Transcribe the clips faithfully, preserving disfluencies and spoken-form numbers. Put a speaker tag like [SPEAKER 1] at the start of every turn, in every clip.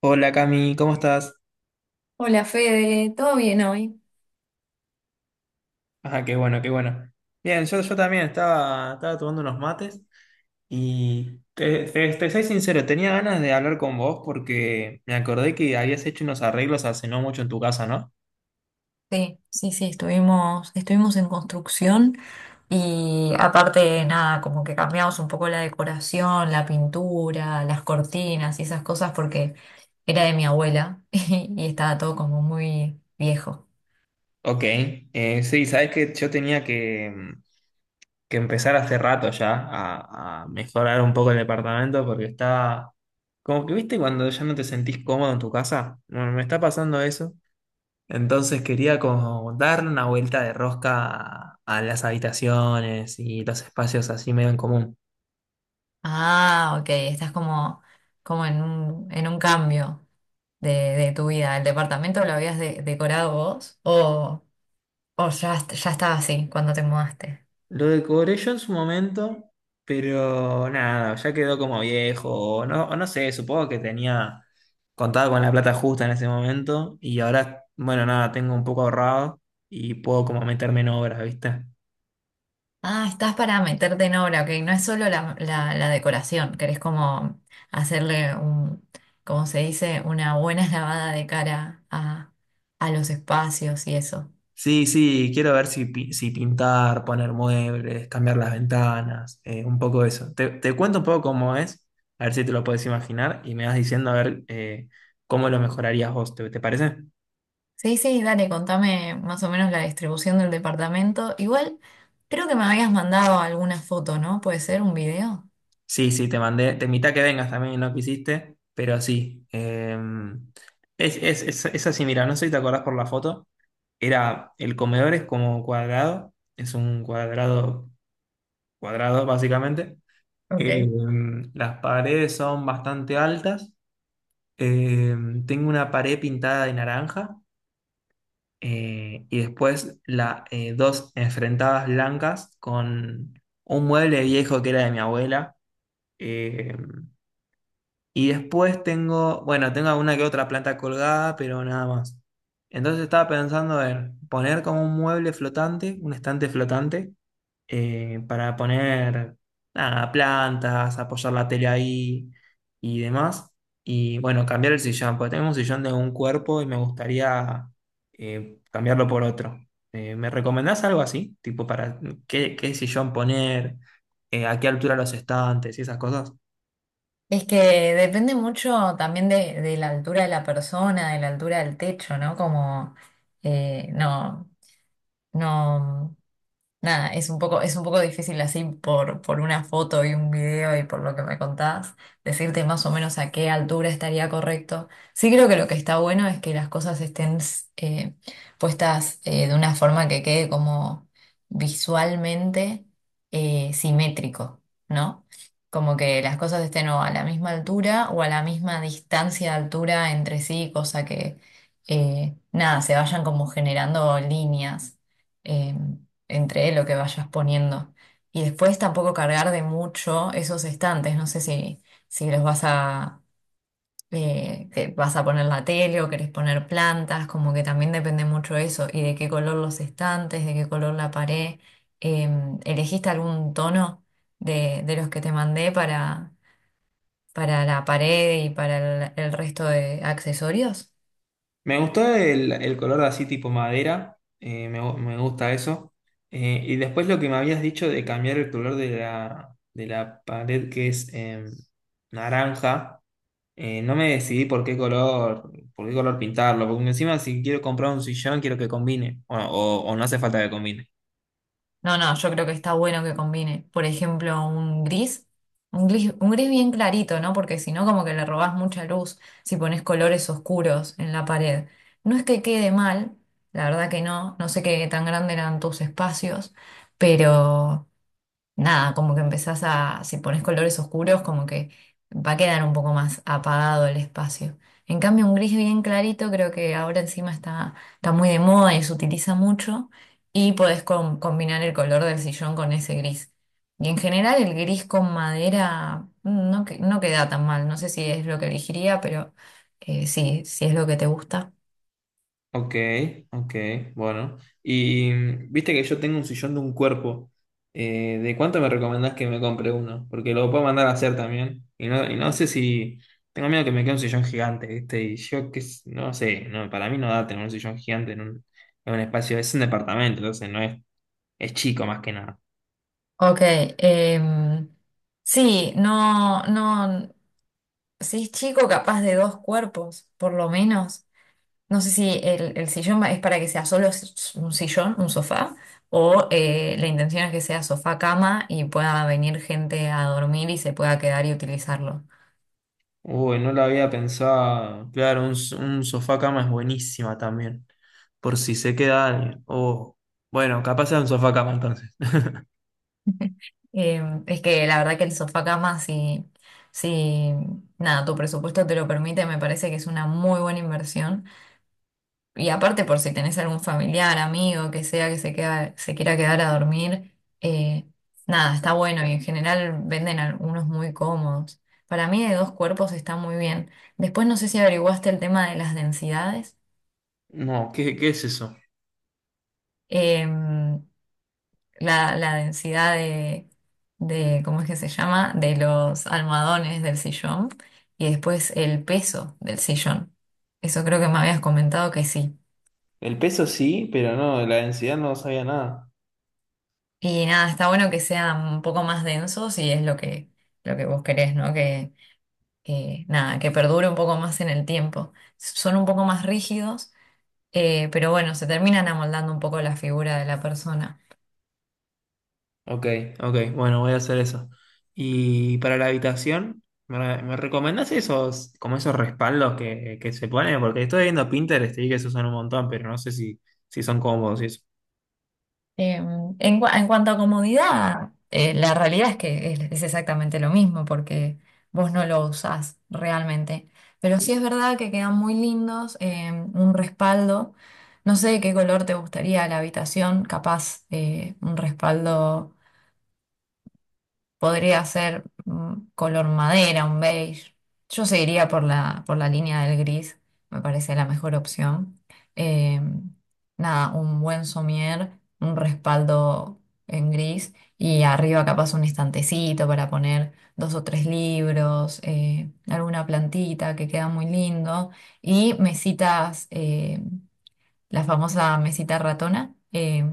[SPEAKER 1] Hola, Cami, ¿cómo estás?
[SPEAKER 2] Hola Fede, ¿todo bien hoy?
[SPEAKER 1] Ajá, qué bueno, qué bueno. Bien, yo, yo también estaba, estaba tomando unos mates y te, te, te soy sincero, tenía ganas de hablar con vos porque me acordé que habías hecho unos arreglos hace no mucho en tu casa, ¿no?
[SPEAKER 2] Sí, sí, sí, estuvimos, estuvimos en construcción y aparte, nada, como que cambiamos un poco la decoración, la pintura, las cortinas y esas cosas porque era de mi abuela y, y estaba todo como muy viejo.
[SPEAKER 1] Ok, eh, sí, sabes que yo tenía que, que empezar hace rato ya a, a mejorar un poco el departamento porque está... Como que viste cuando ya no te sentís cómodo en tu casa, bueno, me está pasando eso. Entonces quería como darle una vuelta de rosca a, a las habitaciones y los espacios así medio en común.
[SPEAKER 2] Ah, ok, estás como, como en un, en un cambio de, de tu vida. ¿El departamento lo habías de- decorado vos o, o ya, est- ya estaba así cuando te mudaste?
[SPEAKER 1] Lo decoré yo en su momento, pero nada, ya quedó como viejo, o no, o no sé, supongo que tenía contado con la plata justa en ese momento y ahora, bueno, nada, tengo un poco ahorrado y puedo como meterme en obras, ¿viste?
[SPEAKER 2] Ah, estás para meterte en obra, ok. No es solo la, la- la decoración, querés como hacerle un, como se dice, una buena lavada de cara a, a los espacios y eso.
[SPEAKER 1] Sí, sí, quiero ver si, pi- si pintar, poner muebles, cambiar las ventanas, eh, un poco eso. Te, te cuento un poco cómo es, a ver si te lo puedes imaginar y me vas diciendo a ver eh, cómo lo mejorarías vos, ¿te, te parece?
[SPEAKER 2] Sí, sí, dale, contame más o menos la distribución del departamento. Igual, creo que me habías mandado alguna foto, ¿no? ¿Puede ser un video?
[SPEAKER 1] Sí, sí, te mandé, te invité a que vengas también y no quisiste, pero sí. eh, es, es, es, es así, mira, no sé si te acordás por la foto, era, el comedor es como cuadrado, es un cuadrado, cuadrado básicamente.
[SPEAKER 2] Ok.
[SPEAKER 1] Eh, las paredes son bastante altas. Eh, Tengo una pared pintada de naranja, eh, y después la, eh, dos enfrentadas blancas con un mueble viejo que era de mi abuela. Eh, y después tengo, bueno, tengo alguna que otra planta colgada, pero nada más. Entonces estaba pensando en poner como un mueble flotante, un estante flotante, eh, para poner nada, plantas, apoyar la tele ahí y demás. Y bueno, cambiar el sillón, porque tengo un sillón de un cuerpo y me gustaría eh, cambiarlo por otro. Eh, ¿me recomendás algo así? Tipo, para qué, qué sillón poner, eh, a qué altura los estantes y esas cosas.
[SPEAKER 2] Es que depende mucho también de, de la altura de la persona, de la altura del techo, ¿no? Como, eh, no, no. Nada, es un poco, es un poco difícil así por, por una foto y un video y por lo que me contás, decirte más o menos a qué altura estaría correcto. Sí creo que lo que está bueno es que las cosas estén eh, puestas eh, de una forma que quede como visualmente eh, simétrico, ¿no? Como que las cosas estén o a la misma altura o a la misma distancia de altura entre sí, cosa que, eh, nada, se vayan como generando líneas em, entre lo que vayas poniendo. Y después tampoco cargar de mucho esos estantes. No sé si, si los vas a, eh, que vas a poner la tele o querés poner plantas, como que también depende mucho eso. Y de qué color los estantes, de qué color la pared. Em, ¿elegiste algún tono de, de los que te mandé para, para la pared y para el el resto de accesorios?
[SPEAKER 1] Me gustó el, el color de así tipo madera, eh, me, gu- me gusta eso. Eh, y después lo que me habías dicho de cambiar el color de la, de la pared, que es em, naranja, eh, no me decidí por qué color, por qué color pintarlo, porque encima si quiero comprar un sillón quiero que combine, o, o- o no hace falta que combine.
[SPEAKER 2] No, no, yo creo que está bueno que combine, por ejemplo, un gris, un gris, un gris bien clarito, ¿no? Porque si no, como que le robás mucha luz si pones colores oscuros en la pared. No es que quede mal, la verdad que no, no sé qué tan grande eran tus espacios, pero nada, como que empezás a, si pones colores oscuros, como que va a quedar un poco más apagado el espacio. En cambio, un gris bien clarito creo que ahora encima está, está muy de moda y se utiliza mucho y podés com- combinar el color del sillón con ese gris. Y en general el gris con madera mm, no, que- no queda tan mal, no sé si es lo que elegiría, pero eh, sí, si es lo que te gusta.
[SPEAKER 1] Ok, ok, bueno. Y mm, viste que yo tengo un sillón de un cuerpo. Eh, ¿de cuánto me recomendás que me compre uno? Porque lo puedo mandar a hacer también. Y no, y no sé si... Tengo miedo que me quede un sillón gigante, ¿viste? Y yo que s- no sé, no, para mí no da tener un sillón gigante en un, en un espacio. Es un departamento, entonces no es, es chico más que nada.
[SPEAKER 2] Ok, em, sí, no, no. Si es chico, capaz de dos cuerpos, por lo menos. No sé si el, el sillón va- es para que sea solo s- un sillón, un sofá, o eh, la intención es que sea sofá-cama y pueda venir gente a dormir y se pueda quedar y utilizarlo.
[SPEAKER 1] Uy, no lo había pensado. Claro, un, s- un sofá cama es buenísima también. Por si se queda alguien. Oh, bueno, capaz sea un sofá cama entonces.
[SPEAKER 2] Eh, es que la verdad que el sofá-cama, si, si nada, tu presupuesto te lo permite, me parece que es una muy buena inversión. Y aparte por si tenés algún familiar, amigo, que sea que se queda, se quiera quedar a dormir, eh, nada, está bueno y en general venden algunos muy cómodos. Para mí de dos cuerpos está muy bien. Después no sé si averiguaste el tema de las densidades,
[SPEAKER 1] No, ¿qué, qué es eso?
[SPEAKER 2] em, la, la densidad de, de, ¿cómo es que se llama? De los almohadones del sillón y después el peso del sillón. Eso creo que me habías comentado que sí.
[SPEAKER 1] El peso sí, pero no, de la densidad no sabía nada.
[SPEAKER 2] Y nada, está bueno que sean un poco más densos y es lo que, lo que vos querés, ¿no? Que, que, nada, que perdure un poco más en el tiempo. Son un poco más rígidos, eh, pero bueno, se terminan amoldando un poco la figura de la persona.
[SPEAKER 1] Ok, ok, bueno, voy a hacer eso. Y para la habitación, ¿me, re- me recomendás esos, como esos respaldos que, que se ponen? Porque estoy viendo Pinterest y vi que se usan un montón, pero no sé si, si son cómodos y eso.
[SPEAKER 2] Eh, en, cua- en cuanto a comodidad, eh, la realidad es que es, es exactamente lo mismo porque vos no lo usás realmente. Pero sí es verdad que quedan muy lindos, eh, un respaldo. No sé de qué color te gustaría la habitación, capaz eh, un respaldo. Podría ser mm, color madera, un beige. Yo seguiría por la, por la línea del gris, me parece la mejor opción. Eh, Nada, un buen somier, un respaldo en gris y arriba capaz un estantecito para poner dos o tres libros, eh, alguna plantita que queda muy lindo y mesitas eh, la famosa mesita ratona, eh,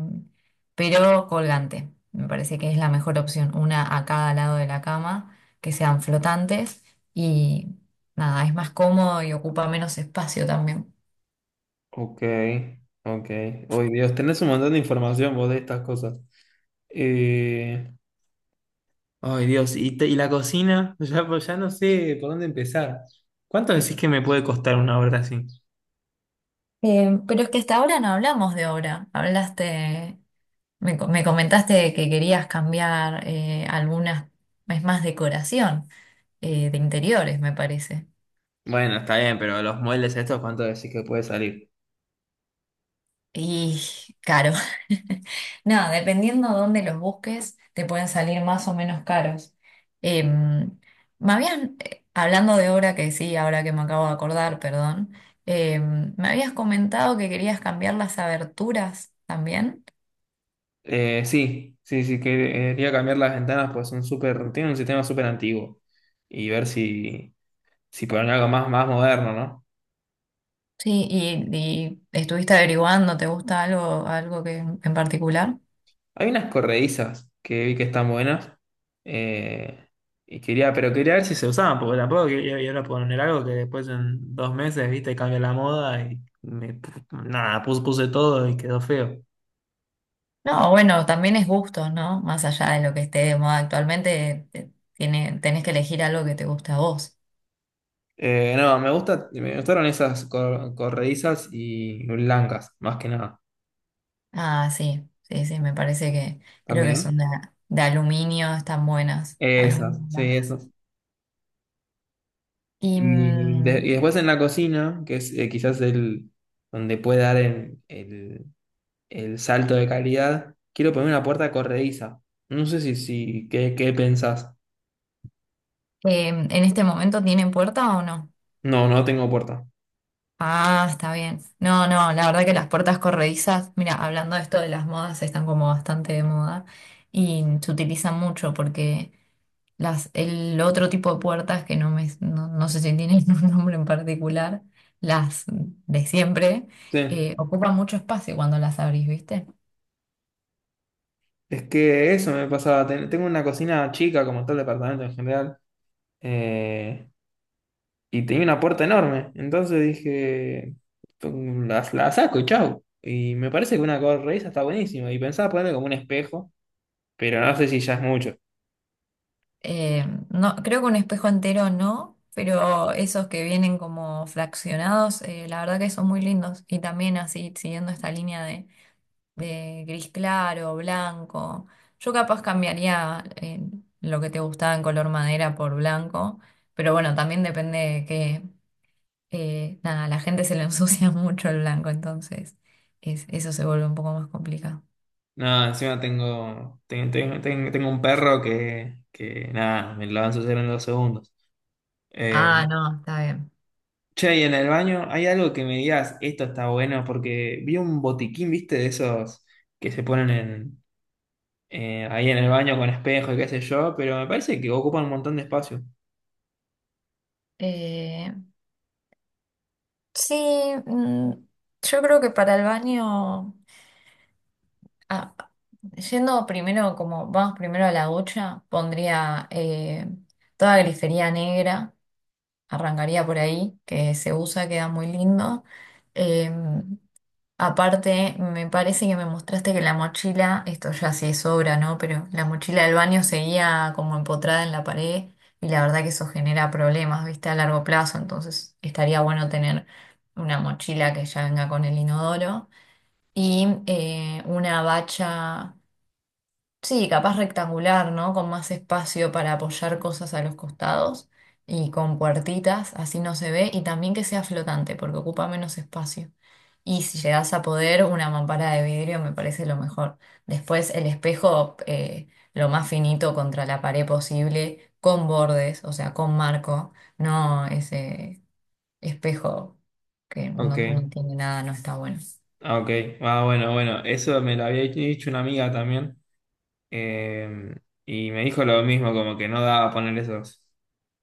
[SPEAKER 2] pero colgante. Me parece que es la mejor opción, una a cada lado de la cama, que sean flotantes y nada, es más cómodo y ocupa menos espacio también.
[SPEAKER 1] Ok, ok. Uy, Dios, tenés un montón de información vos de estas cosas. Eh, Ay, Dios, ¿y, te- y la cocina? Ya, pues ya no sé por dónde empezar. ¿Cuánto decís que me puede costar una obra así?
[SPEAKER 2] Eh, pero es que hasta ahora no hablamos de obra, hablaste, me, co- me comentaste que querías cambiar eh, algunas, es más decoración eh, de interiores, me parece.
[SPEAKER 1] Bueno, está bien, pero los moldes estos, ¿cuánto decís que puede salir?
[SPEAKER 2] Y caro. No, dependiendo dónde los busques, te pueden salir más o menos caros. Em, Me habían, eh, hablando de obra que sí, ahora que me acabo de acordar, perdón, em, me habías comentado que querías cambiar las aberturas también.
[SPEAKER 1] Eh, sí, sí, sí, quería cambiar las ventanas, pues son súper, tienen un sistema súper antiguo. Y ver si, si ponen algo más, más moderno, ¿no?
[SPEAKER 2] Sí, y, y estuviste averiguando, ¿te gusta algo, algo que en particular?
[SPEAKER 1] Hay unas corredizas que vi que están buenas. eh, y quería, pero quería ver si se usaban, porque tampoco quería ir a poner algo que después en dos meses, viste, cambia la moda y me, nada, puse, puse todo y quedó feo.
[SPEAKER 2] No, bueno, también es gusto, ¿no? Más allá de lo que esté de moda actualmente, te- tiene, tenés que elegir algo que te gusta a vos.
[SPEAKER 1] Eh, no, me gusta, me gustaron esas cor- corredizas y blancas, más que nada.
[SPEAKER 2] Ah, sí, sí, sí, me parece que creo que son
[SPEAKER 1] También.
[SPEAKER 2] de, de aluminio, están buenas,
[SPEAKER 1] Esas,
[SPEAKER 2] aluminio
[SPEAKER 1] sí,
[SPEAKER 2] blancas.
[SPEAKER 1] esas.
[SPEAKER 2] Y
[SPEAKER 1] Y, de- y
[SPEAKER 2] mm,
[SPEAKER 1] después en la cocina, que es eh, quizás el donde puede dar el, el- el salto de calidad, quiero poner una puerta corrediza. No sé si, si ¿qué, qué pensás?
[SPEAKER 2] eh, ¿en este momento tienen puerta o no?
[SPEAKER 1] No, no tengo puerta.
[SPEAKER 2] Ah, está bien. No, no, la verdad que las puertas corredizas, mira, hablando de esto de las modas, están como bastante de moda y se utilizan mucho porque las, el otro tipo de puertas que no me, no, no sé si tienen un nombre en particular, las de siempre,
[SPEAKER 1] Sí.
[SPEAKER 2] eh, ocupan mucho espacio cuando las abrís, ¿viste?
[SPEAKER 1] Es que eso me pasaba. ten- Tengo una cocina chica, como todo el departamento en general. eh, y tenía una puerta enorme. Entonces dije, la, la saco y chau. Y me parece que una corredera está buenísima. Y pensaba ponerle como un espejo, pero no sé si ya es mucho.
[SPEAKER 2] Eh, no, creo que un espejo entero no, pero esos que vienen como fraccionados, eh, la verdad que son muy lindos. Y también así, siguiendo esta línea de, de gris claro, blanco. Yo capaz cambiaría eh, lo que te gustaba en color madera por blanco, pero bueno, también depende de que, eh, nada, a la gente se le ensucia mucho el blanco, entonces es- eso se vuelve un poco más complicado.
[SPEAKER 1] No, encima tengo, ten- ten- ten- tengo un perro que, que nada, me lo va a ensuciar en dos segundos. Eh,
[SPEAKER 2] Ah, no, está
[SPEAKER 1] che, y en el baño, ¿hay algo que me digas, esto está bueno? Porque vi un botiquín, viste, de esos que se ponen en, eh, ahí en el baño con espejo y qué sé yo, pero me parece que ocupan un montón de espacio.
[SPEAKER 2] bien. Sí, mm, yo creo que para el baño, ah, yendo primero, como vamos primero a la ducha, pondría eh, toda grifería negra, arrancaría por ahí, que se usa, queda muy lindo. Em, Aparte, me parece que me mostraste que la mochila, esto ya sí es obra, ¿no? Pero la mochila del baño seguía como empotrada en la pared y la verdad que eso genera problemas, ¿viste? A largo plazo, entonces estaría bueno tener una mochila que ya venga con el inodoro y eh, una bacha. Sí, capaz rectangular, ¿no? Con más espacio para apoyar cosas a los costados y con puertitas, así no se ve, y también que sea flotante porque ocupa menos espacio. Y si llegas a poder, una mampara de vidrio me parece lo mejor. Después el espejo, eh, lo más finito contra la pared posible, con bordes, o sea, con marco, no ese espejo que
[SPEAKER 1] Ok.
[SPEAKER 2] no, no tiene nada, no está bueno.
[SPEAKER 1] Ah, ok. Ah, bueno, bueno. Eso me lo había dicho una amiga también. eh, y me dijo lo mismo, como que no daba poner esos.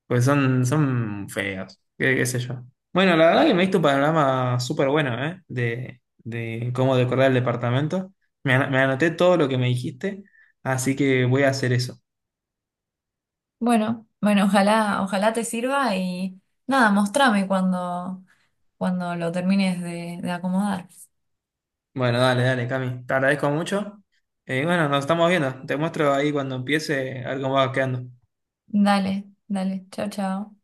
[SPEAKER 1] Pues son, son feos. ¿Qué, qué sé yo? Bueno, la verdad que me diste un panorama súper bueno, ¿eh? De, de cómo decorar el departamento. Me, ana- me anoté todo lo que me dijiste, así que voy a hacer eso.
[SPEAKER 2] Bueno, bueno, ojalá, ojalá te sirva y nada, mostrame cuando, cuando lo termines de, de acomodar.
[SPEAKER 1] Bueno, dale, dale, Cami. Te agradezco mucho. Eh, bueno, nos estamos viendo. Te muestro ahí cuando empiece a ver cómo va quedando.
[SPEAKER 2] Dale, dale, chao, chao.